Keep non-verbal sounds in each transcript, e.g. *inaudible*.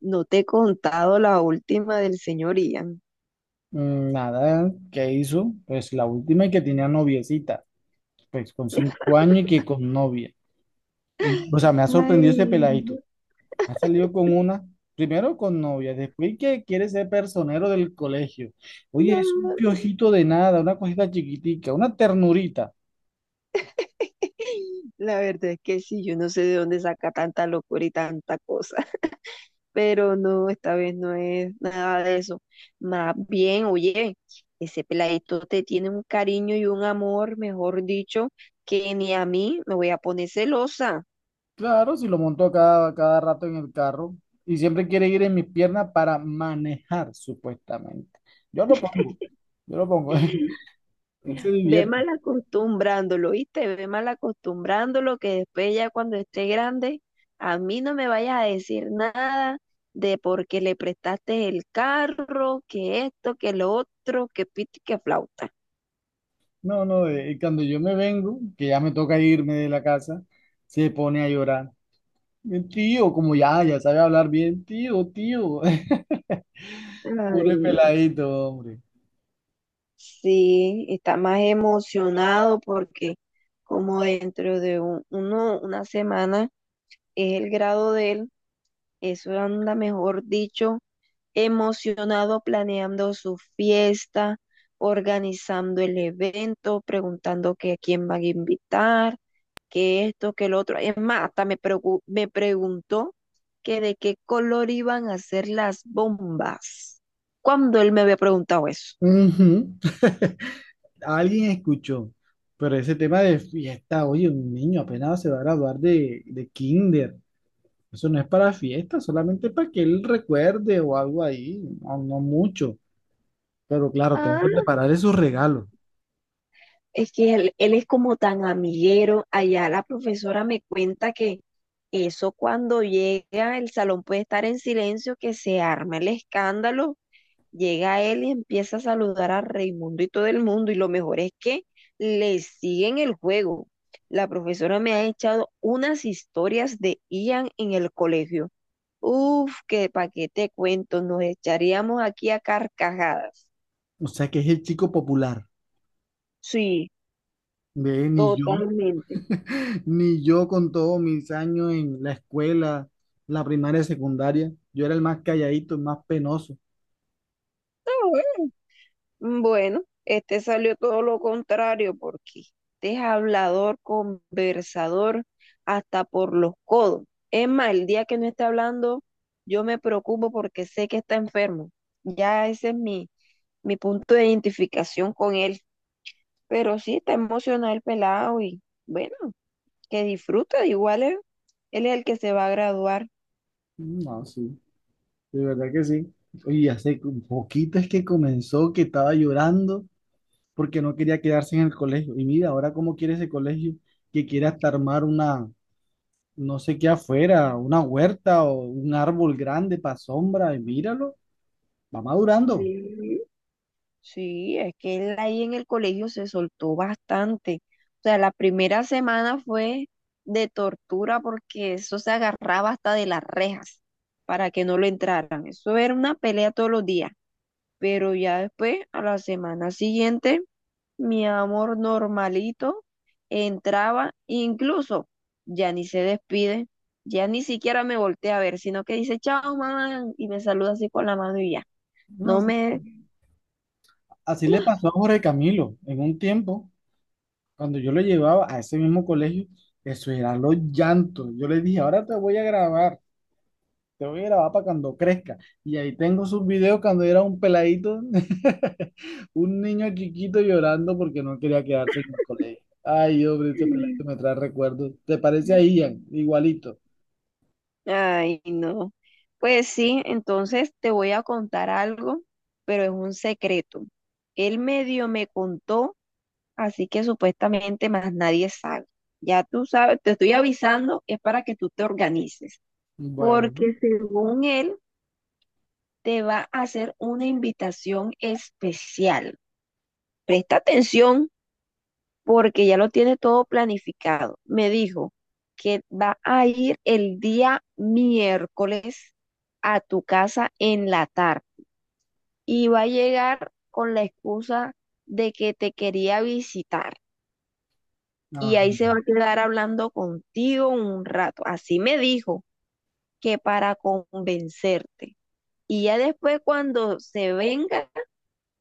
No te he contado la última del señor Ian. Mm, nada, ¿qué hizo? Pues la última y que tenía noviecita, pues con 5 años y que con novia. O sea, me ha sorprendido este Ay, peladito. no. Ha salido con una, primero con novia, después que quiere ser personero del colegio. Oye, es un No. piojito de nada, una cosita chiquitica, una ternurita. *laughs* La verdad es que sí, yo no sé de dónde saca tanta locura y tanta cosa, *laughs* pero no, esta vez no es nada de eso. Más bien, oye, ese peladito te tiene un cariño y un amor, mejor dicho, que ni a mí me voy a poner celosa. Claro, si lo montó cada rato en el carro y siempre quiere ir en mis piernas para manejar, supuestamente. Yo lo pongo, yo lo pongo. *laughs* Él se Ve divierte. mal acostumbrándolo, ¿viste? Ve mal acostumbrándolo que después ya cuando esté grande, a mí no me vayas a decir nada de porque le prestaste el carro, que esto, que lo otro, que piti, que flauta. No, no, cuando yo me vengo, que ya me toca irme de la casa, se pone a llorar. El tío, como ya sabe hablar bien, tío, tío. *laughs* Ay, Puro no. peladito, hombre. Sí, está más emocionado porque como dentro de una semana es el grado de él, eso anda mejor dicho emocionado planeando su fiesta, organizando el evento, preguntando que a quién van a invitar, que esto, que lo otro. Es más, hasta me preguntó que de qué color iban a ser las bombas. ¿Cuando él me había preguntado eso? Ujú. *laughs* Alguien escuchó, pero ese tema de fiesta, oye, un niño apenas se va a graduar de kinder. Eso no es para fiesta, solamente para que él recuerde o algo ahí, no, no mucho. Pero claro, tengo que Ah, preparar esos regalos. es que él es como tan amiguero. Allá la profesora me cuenta que eso cuando llega el salón puede estar en silencio, que se arma el escándalo. Llega él y empieza a saludar a Raimundo y todo el mundo. Y lo mejor es que le siguen el juego. La profesora me ha echado unas historias de Ian en el colegio. Uf, que pa' qué te cuento, nos echaríamos aquí a carcajadas. O sea que es el chico popular. Sí, Ven, y yo. totalmente. *laughs* Ni yo con todos mis años en la escuela, la primaria y secundaria, yo era el más calladito, el más penoso. Bueno, este salió todo lo contrario porque este es hablador, conversador, hasta por los codos. Es más, el día que no esté hablando, yo me preocupo porque sé que está enfermo. Ya ese es mi punto de identificación con él. Pero sí, está emocionado el pelado y bueno, que disfruta. Igual él es el que se va a graduar. No, sí, de verdad que sí. Y hace un poquito es que comenzó que estaba llorando porque no quería quedarse en el colegio. Y mira, ahora cómo quiere ese colegio, que quiere hasta armar una, no sé qué afuera, una huerta o un árbol grande para sombra. Y míralo, va madurando. Sí. Sí, es que él ahí en el colegio se soltó bastante. O sea, la primera semana fue de tortura porque eso se agarraba hasta de las rejas para que no lo entraran. Eso era una pelea todos los días. Pero ya después, a la semana siguiente, mi amor normalito entraba, incluso ya ni se despide, ya ni siquiera me voltea a ver, sino que dice, chao, mamá, y me saluda así con la mano y ya. No No sé. me... Así le pasó a Jorge Camilo en un tiempo. Cuando yo lo llevaba a ese mismo colegio, eso era los llantos. Yo le dije, ahora te voy a grabar, te voy a grabar para cuando crezca. Y ahí tengo sus videos cuando era un peladito, *laughs* un niño chiquito llorando porque no quería quedarse en el colegio. Ay, hombre, este peladito *laughs* me trae recuerdos. ¿Te parece a Ian? Igualito. Ay, no. Pues sí, entonces te voy a contar algo, pero es un secreto. Él medio me contó, así que supuestamente más nadie sabe. Ya tú sabes, te estoy avisando, es para que tú te organices, Bueno, porque según él te va a hacer una invitación especial. Presta atención, porque ya lo tiene todo planificado. Me dijo que va a ir el día miércoles a tu casa en la tarde y va a llegar con la excusa de que te quería visitar y ajá. ahí se va a quedar hablando contigo un rato. Así me dijo, que para convencerte. Y ya después cuando se venga,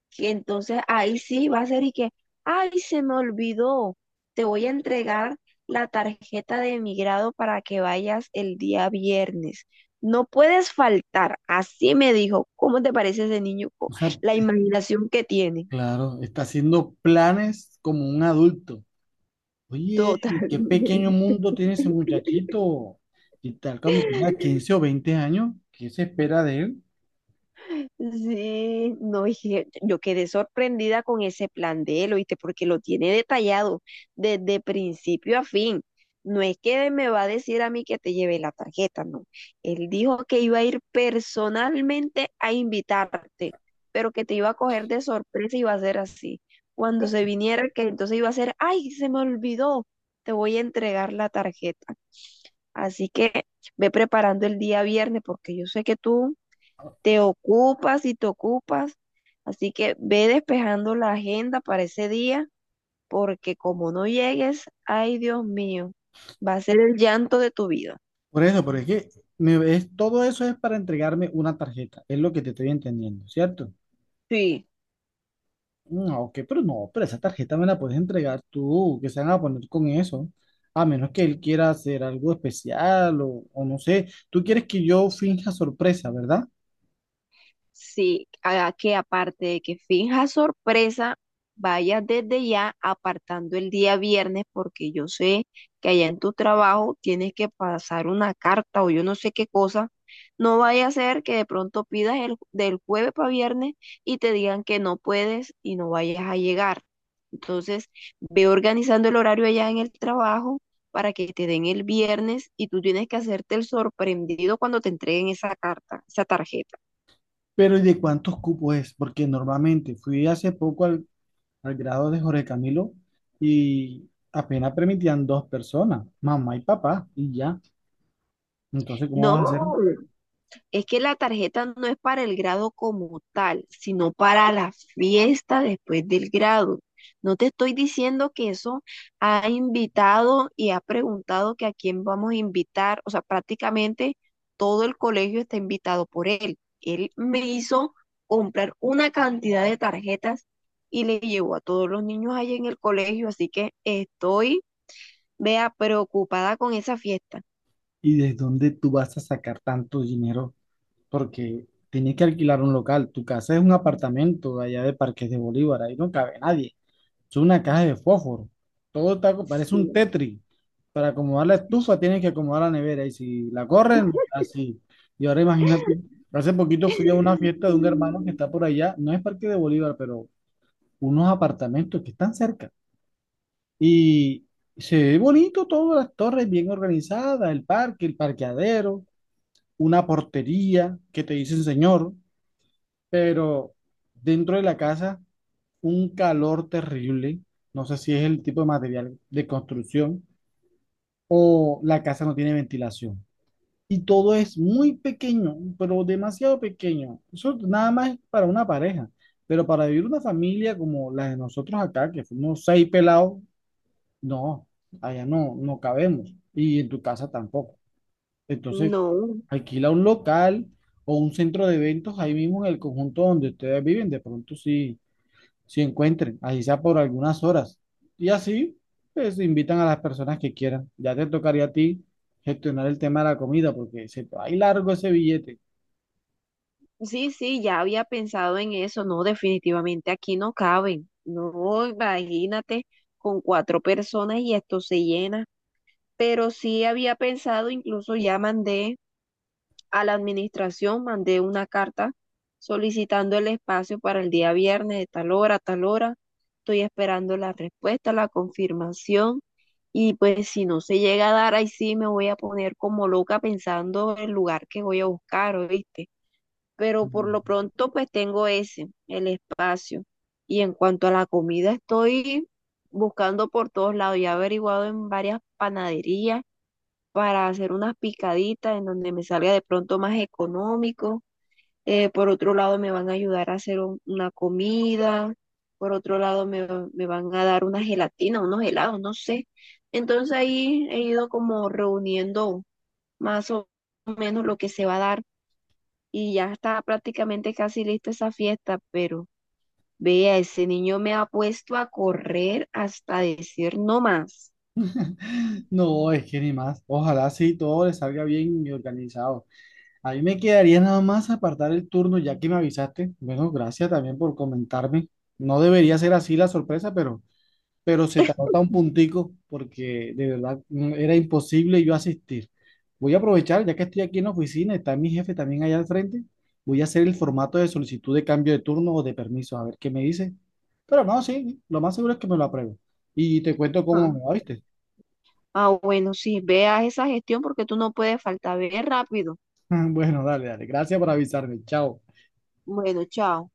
que entonces ahí sí va a ser y que, ay, se me olvidó, te voy a entregar la tarjeta de emigrado para que vayas el día viernes. No puedes faltar, así me dijo. ¿Cómo te parece ese niño? Co-, O sea, la imaginación que tiene, claro, está haciendo planes como un adulto. Oye, total. qué pequeño *laughs* mundo tiene ese muchachito. Y tal cuando tenga 15 o 20 años, ¿qué se espera de él? Sí, no, y yo quedé sorprendida con ese plan de él, ¿oíste? Porque lo tiene detallado desde principio a fin. No es que me va a decir a mí que te lleve la tarjeta, no. Él dijo que iba a ir personalmente a invitarte, pero que te iba a coger de sorpresa y iba a ser así. Cuando se viniera, que entonces iba a ser, ay, se me olvidó, te voy a entregar la tarjeta. Así que ve preparando el día viernes, porque yo sé que tú te ocupas y te ocupas. Así que ve despejando la agenda para ese día, porque como no llegues, ay Dios mío, va a ser el llanto de tu vida. Por eso, porque es que es, todo eso es para entregarme una tarjeta, es lo que te estoy entendiendo, ¿cierto? Sí. No, ok, pero no, pero esa tarjeta me la puedes entregar tú, que se van a poner con eso, a menos que él quiera hacer algo especial o no sé, tú quieres que yo finja sorpresa, ¿verdad? Sí, haga que aparte de que finja sorpresa, vaya desde ya apartando el día viernes porque yo sé que allá en tu trabajo tienes que pasar una carta o yo no sé qué cosa. No vaya a ser que de pronto pidas del jueves para viernes y te digan que no puedes y no vayas a llegar. Entonces, ve organizando el horario allá en el trabajo para que te den el viernes y tú tienes que hacerte el sorprendido cuando te entreguen esa carta, esa tarjeta. Pero ¿y de cuántos cupos es? Porque normalmente fui hace poco al grado de Jorge Camilo y apenas permitían 2 personas, mamá y papá, y ya. Entonces, ¿cómo vas a hacer? No, es que la tarjeta no es para el grado como tal, sino para la fiesta después del grado. No te estoy diciendo que eso ha invitado y ha preguntado que a quién vamos a invitar. O sea, prácticamente todo el colegio está invitado por él. Él me hizo comprar una cantidad de tarjetas y le llevó a todos los niños ahí en el colegio, así que estoy, vea, preocupada con esa fiesta. ¿Y desde dónde tú vas a sacar tanto dinero? Porque tienes que alquilar un local. Tu casa es un apartamento de allá de Parques de Bolívar, ahí no cabe nadie. Es una caja de fósforo. Todo está, parece Sí. un Tetris. Para acomodar la estufa tienes que acomodar la nevera y si la corren, así. Y ahora imagínate, hace poquito fui a una fiesta de un hermano que está por allá, no es Parque de Bolívar, pero unos apartamentos que están cerca. Y se ve bonito todas las torres bien organizadas, el parque, el parqueadero, una portería que te dicen señor, pero dentro de la casa un calor terrible. No sé si es el tipo de material de construcción o la casa no tiene ventilación. Y todo es muy pequeño, pero demasiado pequeño. Eso nada más es para una pareja. Pero para vivir una familia como la de nosotros acá, que fuimos 6 pelados, no, allá no, no cabemos y en tu casa tampoco. Entonces, No, alquila un local o un centro de eventos ahí mismo en el conjunto donde ustedes viven, de pronto sí, sí encuentren, así sea por algunas horas. Y así, pues invitan a las personas que quieran. Ya te tocaría a ti gestionar el tema de la comida porque se te va a ir largo ese billete. sí, ya había pensado en eso, no, definitivamente aquí no caben, no, imagínate, con cuatro personas y esto se llena, pero sí había pensado, incluso ya mandé, a la administración mandé una carta solicitando el espacio para el día viernes de tal hora a tal hora. Estoy esperando la respuesta, la confirmación. Y pues si no se llega a dar, ahí sí me voy a poner como loca pensando el lugar que voy a buscar, ¿oíste? Pero por lo *laughs* pronto pues tengo ese, el espacio. Y en cuanto a la comida, estoy buscando por todos lados. Ya he averiguado en varias panaderías para hacer unas picaditas en donde me salga de pronto más económico. Por otro lado, me van a ayudar a hacer una comida. Por otro lado, me van a dar una gelatina, unos helados, no sé. Entonces ahí he ido como reuniendo más o menos lo que se va a dar y ya está prácticamente casi lista esa fiesta, pero vea, ese niño me ha puesto a correr hasta decir no más. No, es que ni más. Ojalá sí todo le salga bien y organizado. A mí me quedaría nada más apartar el turno ya que me avisaste. Bueno, gracias también por comentarme. No debería ser así la sorpresa, pero se te anota un puntico porque de verdad era imposible yo asistir. Voy a aprovechar, ya que estoy aquí en la oficina, está mi jefe también allá al frente. Voy a hacer el formato de solicitud de cambio de turno o de permiso, a ver qué me dice. Pero no, sí, lo más seguro es que me lo apruebe. Y te cuento cómo me Ah. va, ¿viste? Ah, bueno, sí, vea esa gestión porque tú no puedes faltar, ve rápido. *laughs* Bueno, dale, dale. Gracias por avisarme. Chao. Bueno, chao.